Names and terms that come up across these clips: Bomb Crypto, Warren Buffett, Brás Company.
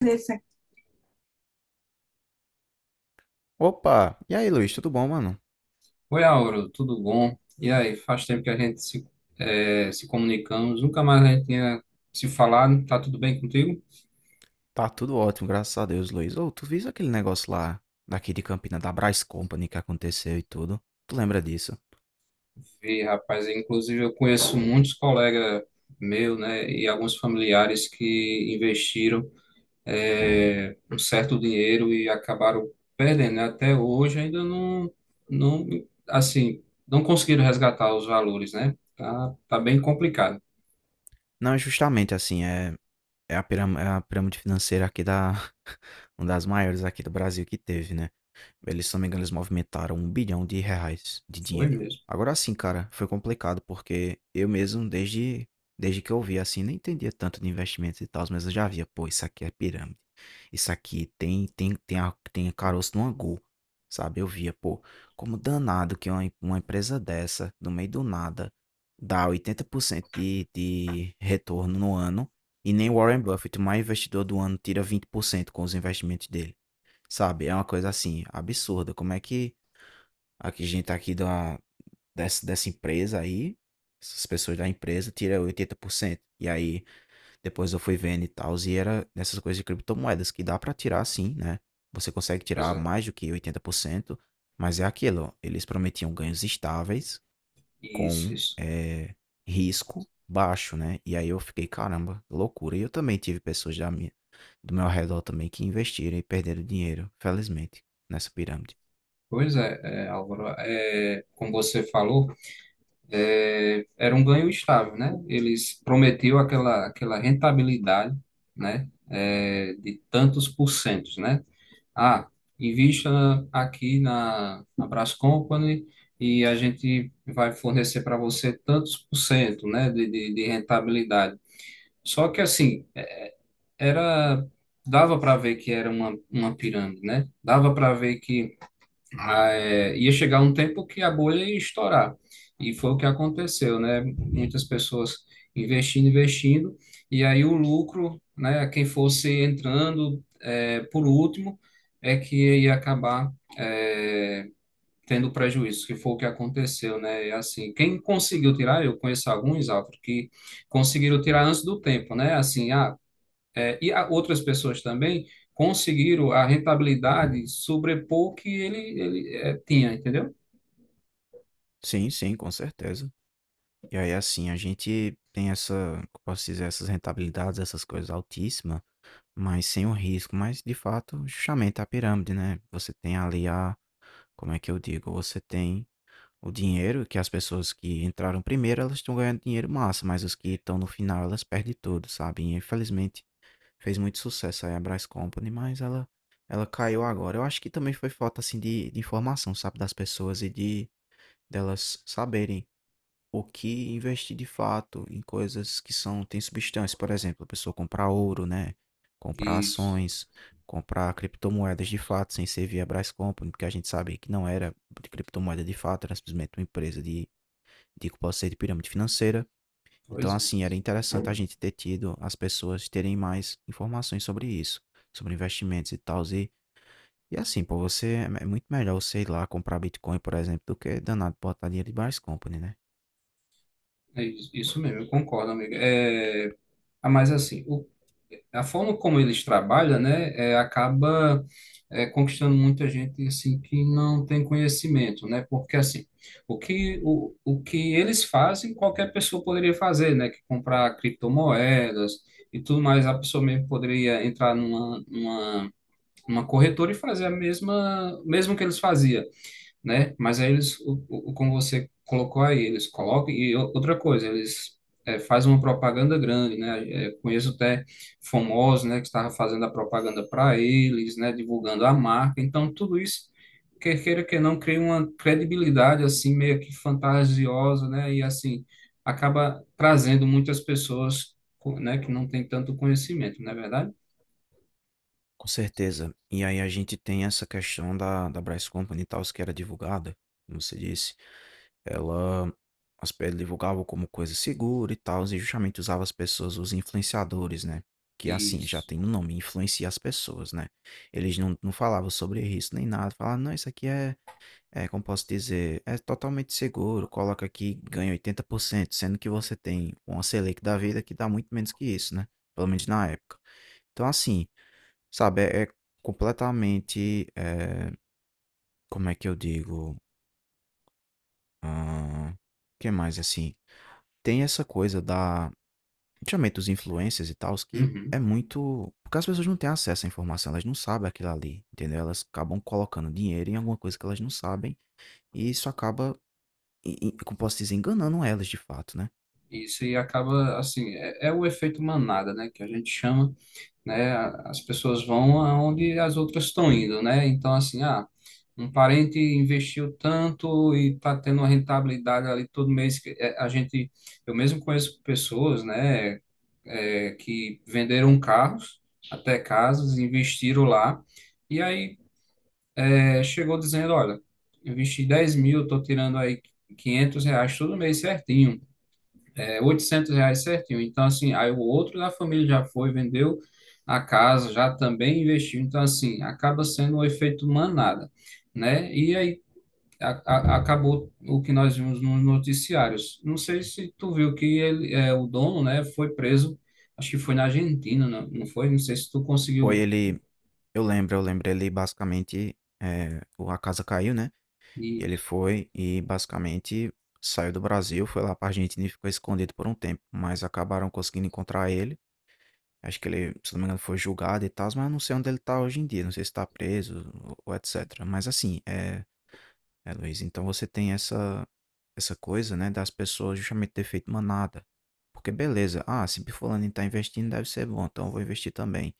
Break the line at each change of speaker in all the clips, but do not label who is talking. Andressa.
Opa! E aí, Luiz, tudo bom, mano?
Oi, Auro, tudo bom? E aí, faz tempo que a gente se comunicamos, nunca mais a gente tinha se falado, tá tudo bem contigo?
Tá tudo ótimo, graças a Deus, Luiz. Ô, tu viu aquele negócio lá, daqui de Campina, da Brás Company que aconteceu e tudo? Tu lembra disso?
E, rapaz, inclusive eu conheço muitos colegas meus, né, e alguns familiares que investiram um certo dinheiro e acabaram perdendo, né? Até hoje ainda não, assim, não conseguiram resgatar os valores, né? Tá bem complicado.
Não, é justamente assim, a é a pirâmide financeira aqui da. Uma das maiores aqui do Brasil que teve, né? Eles, se não me engano, eles movimentaram 1 bilhão de reais de
Foi
dinheiro.
mesmo,
Agora sim, cara, foi complicado porque eu mesmo, desde que eu vi assim, nem entendia tanto de investimentos e tal, mas eu já via, pô, isso aqui é pirâmide. Isso aqui tem caroço no angu, sabe? Eu via, pô, como danado que uma empresa dessa, no meio do nada, dá 80% de retorno no ano e nem Warren Buffett, o maior investidor do ano, tira 20% com os investimentos dele. Sabe, é uma coisa assim, absurda. Como é que a que gente tá aqui dessa empresa aí, essas pessoas da empresa, tira 80%. E aí, depois eu fui vendo e tal, e era nessas coisas de criptomoedas, que dá pra tirar sim, né? Você consegue
pois
tirar
é,
mais do que 80%, mas é aquilo, ó, eles prometiam ganhos estáveis,
isso,
com,
isso.
risco baixo, né. E aí eu fiquei: "Caramba, loucura". E eu também tive pessoas da minha do meu redor também que investiram e perderam dinheiro, felizmente, nessa pirâmide.
Pois é, Álvaro, como você falou, era um ganho estável, né? Eles prometiam aquela rentabilidade, né? De tantos porcentos, né? Ah, invista aqui na Brás Company e a gente vai fornecer para você tantos por cento, né? De rentabilidade. Só que assim, era, dava para ver que era uma pirâmide, né? Dava para ver que ia chegar um tempo que a bolha ia estourar. E foi o que aconteceu, né? Muitas pessoas investindo, investindo, e aí o lucro, né? Quem fosse entrando por último é que ia acabar é, tendo prejuízo, que foi o que aconteceu, né? E assim, quem conseguiu tirar, eu conheço alguns, Álvaro, que conseguiram tirar antes do tempo, né? Assim, outras pessoas também conseguiram a rentabilidade sobrepor que ele tinha, entendeu?
Sim, sim, com certeza. E aí, assim, a gente tem essa, como posso dizer? Essas rentabilidades, essas coisas altíssimas, mas sem o risco. Mas, de fato, justamente a pirâmide, né, você tem ali a, como é que eu digo? Você tem o dinheiro que as pessoas que entraram primeiro, elas estão ganhando dinheiro massa, mas os que estão no final, elas perdem tudo, sabe? E, infelizmente, fez muito sucesso aí a Brás Company, mas ela caiu agora. Eu acho que também foi falta, assim, de informação, sabe? Das pessoas e de delas saberem o que investir de fato em coisas que são, tem substância. Por exemplo, a pessoa comprar ouro, né? Comprar
Isso,
ações, comprar criptomoedas de fato, sem ser via Brás Company, porque a gente sabe que não era de criptomoeda de fato, era simplesmente uma empresa de que pode ser de pirâmide financeira. Então,
pois é.
assim, era interessante a gente ter tido as pessoas terem mais informações sobre isso, sobre investimentos e tal. E assim, pô, você é muito melhor você ir lá comprar Bitcoin, por exemplo, do que danado botar dinheiro de Brás Company, né?
É isso mesmo, eu concordo, amiga. Mas assim, a forma como eles trabalham, né, acaba conquistando muita gente assim que não tem conhecimento, né? Porque assim, o que eles fazem, qualquer pessoa poderia fazer, né? Que comprar criptomoedas e tudo mais, a pessoa mesmo poderia entrar numa, numa uma corretora e fazer o mesmo que eles faziam, né? Mas aí eles, como você colocou aí, eles colocam, e outra coisa, eles fazem uma propaganda grande, né? Conheço até famosos, né, que estava fazendo a propaganda para eles, né, divulgando a marca, então tudo isso, quer queira que não, cria uma credibilidade, assim, meio que fantasiosa, né? E assim, acaba trazendo muitas pessoas, né, que não tem tanto conhecimento, não é verdade?
Com certeza. E aí a gente tem essa questão da Brás Company e tal, que era divulgada, como você disse. Ela as pe divulgava como coisa segura e tal e justamente usava as pessoas, os influenciadores, né, que assim, já
Isso.
tem no nome, influencia as pessoas, né. Eles não falavam sobre risco nem nada, falavam: "Não, isso aqui é, como posso dizer, é totalmente seguro, coloca aqui, ganha 80%, sendo que você tem uma Selic da vida que dá muito menos que isso, né, pelo menos na época." Então assim, sabe, é completamente, como é que eu digo? hã, que mais assim? Tem essa coisa da, principalmente dos influencers e tals, que é
Uhum.
muito porque as pessoas não têm acesso à informação, elas não sabem aquilo ali, entendeu? Elas acabam colocando dinheiro em alguma coisa que elas não sabem, e isso acaba, e como posso dizer, enganando elas de fato, né.
Isso, e acaba assim, é o efeito manada, né, que a gente chama, né, as pessoas vão aonde as outras estão indo, né, então assim, um parente investiu tanto e tá tendo uma rentabilidade ali todo mês, que é, a gente, eu mesmo conheço pessoas, né, que venderam carros, até casas, investiram lá, e aí chegou dizendo, olha, investi 10.000, tô tirando aí 500 reais todo mês certinho, é 800 reais certinho. Então, assim, aí o outro da família já foi, vendeu a casa, já também investiu. Então, assim, acaba sendo um efeito manada, né? E aí acabou o que nós vimos nos noticiários. Não sei se tu viu que ele, o dono, né, foi preso, acho que foi na Argentina, não, não foi? Não sei se tu
Foi
conseguiu.
ele, eu lembro ele basicamente, eh, o a casa caiu, né, e
E,
ele foi e basicamente saiu do Brasil, foi lá pra Argentina e ficou escondido por um tempo, mas acabaram conseguindo encontrar ele. Acho que ele, se não me engano, foi julgado e tal, mas eu não sei onde ele tá hoje em dia, não sei se tá preso ou etc. Mas assim, Luiz, então você tem essa coisa, né, das pessoas justamente ter feito manada. Porque beleza, ah, se fulano tá investindo, deve ser bom, então eu vou investir também.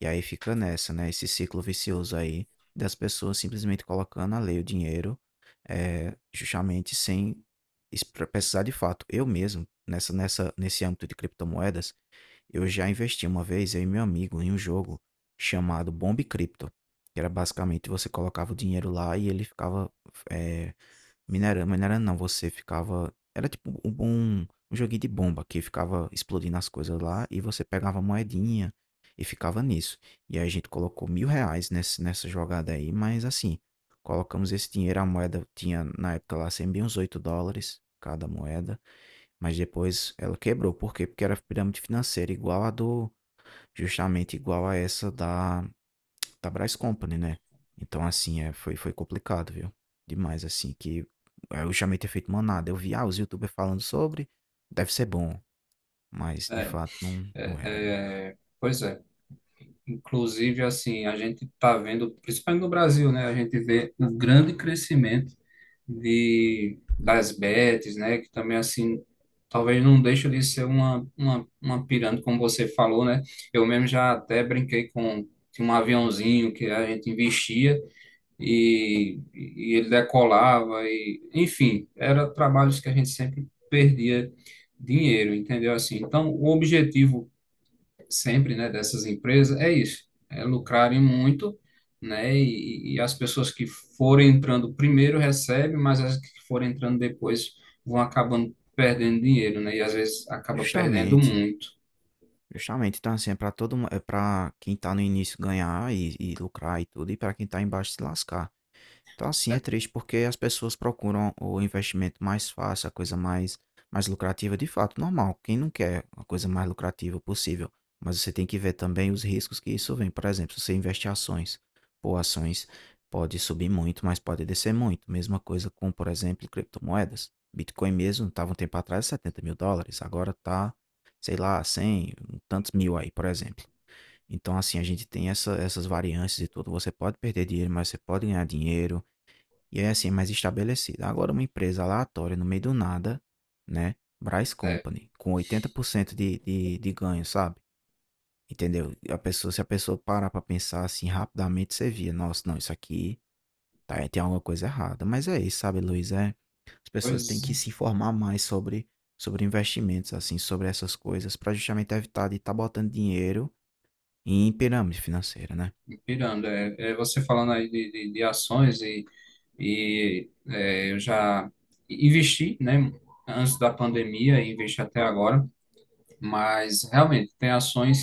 E aí fica nessa, né, esse ciclo vicioso aí das pessoas simplesmente colocando a lei o dinheiro, é, justamente sem precisar de fato. Eu mesmo, nesse âmbito de criptomoedas, eu já investi uma vez, eu e meu amigo, em um jogo chamado Bomb Crypto, que era basicamente você colocava o dinheiro lá e ele ficava eh, minerando, minerando não, você ficava, era tipo um joguinho de bomba que ficava explodindo as coisas lá e você pegava moedinha e ficava nisso. E aí a gente colocou 1.000 reais nesse, nessa jogada aí, mas assim, colocamos esse dinheiro, a moeda tinha na época lá sempre uns 8 dólares cada moeda. Mas depois ela quebrou. Por quê? Porque era pirâmide financeira igual a do, justamente igual a essa da Brás Company, né? Então, assim, é, foi complicado, viu? Demais, assim, que é, eu chamei ter feito manada. Eu vi, ah, os YouTubers falando sobre, deve ser bom, mas de fato não,
é,
não era, né?
é, pois é. Inclusive, assim, a gente está vendo, principalmente no Brasil, né? A gente vê um grande crescimento das bets, né? Que também, assim, talvez não deixe de ser uma pirâmide, como você falou, né? Eu mesmo já até brinquei com tinha um aviãozinho que a gente investia e ele decolava e, enfim, era trabalhos que a gente sempre perdia dinheiro, entendeu? Assim, então, o objetivo sempre, né, dessas empresas é isso, é lucrarem muito, né, e as pessoas que forem entrando primeiro recebem, mas as que forem entrando depois vão acabando perdendo dinheiro, né, e às vezes acaba perdendo
Justamente,
muito,
justamente. Então, assim, é pra quem tá no início ganhar e lucrar e tudo, e pra quem tá embaixo se lascar. Então, assim,
né?
é triste porque as pessoas procuram o investimento mais fácil, a coisa mais lucrativa, de fato, normal. Quem não quer a coisa mais lucrativa possível? Mas você tem que ver também os riscos que isso vem. Por exemplo, se você investe em ações, pô, ações pode subir muito, mas pode descer muito. Mesma coisa com, por exemplo, criptomoedas. Bitcoin mesmo estava um tempo atrás 70.000 dólares, agora tá, sei lá, 100 um tantos mil aí, por exemplo. Então, assim, a gente tem essas variâncias e tudo. Você pode perder dinheiro, mas você pode ganhar dinheiro. E é assim, mais estabelecida. Agora, uma empresa aleatória, no meio do nada, né? Brás
É,
Company, com 80% de ganho, sabe? Entendeu? E se a pessoa parar pra pensar assim rapidamente, você via, nossa, não, isso aqui tá, tem alguma coisa errada. Mas é isso, sabe, Luiz? É, as pessoas têm
pois,
que se informar mais sobre, sobre investimentos, assim, sobre essas coisas, pra justamente evitar de estar botando dinheiro em pirâmide financeira, né?
pirando, é você falando aí de ações e eu já investi, né, antes da pandemia, e investi até agora, mas realmente tem ações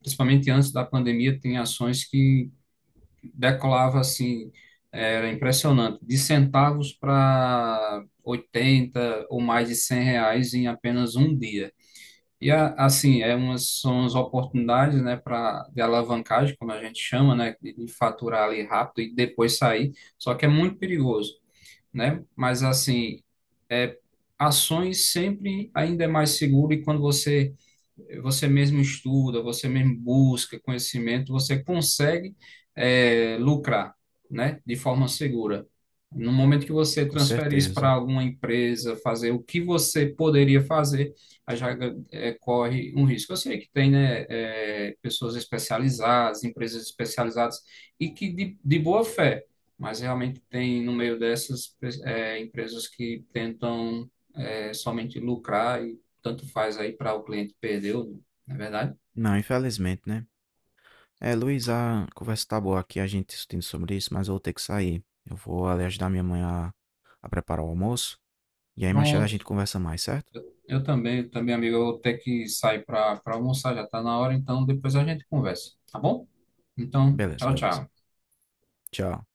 principalmente antes da pandemia, tem ações que decolava assim, era impressionante, de centavos para 80 ou mais de 100 reais em apenas um dia. E assim, são as oportunidades, né, para de alavancagem, como a gente chama, né, de faturar ali rápido e depois sair, só que é muito perigoso né? Mas assim, é, ações sempre ainda é mais seguro e quando você mesmo estuda, você mesmo busca conhecimento, você consegue lucrar, né? De forma segura. No momento que você
Com
transfere isso para
certeza.
alguma empresa, fazer o que você poderia fazer, aí já corre um risco. Eu sei que tem, né, pessoas especializadas, empresas especializadas, e que de boa fé, mas realmente tem no meio dessas empresas que tentam somente lucrar e tanto faz aí para o cliente perder, ou não, não é verdade?
Não, infelizmente, né? É, Luiz, a conversa tá boa aqui, a gente discutindo sobre isso, mas eu vou ter que sair. Eu vou ali ajudar minha mãe a preparar o almoço. E aí, mais tarde a
Pronto.
gente conversa mais, certo?
Eu, eu também, também, amigo, eu vou ter que sair para almoçar, já está na hora, então depois a gente conversa, tá bom? Então,
Beleza,
tchau,
beleza.
tchau.
Tchau.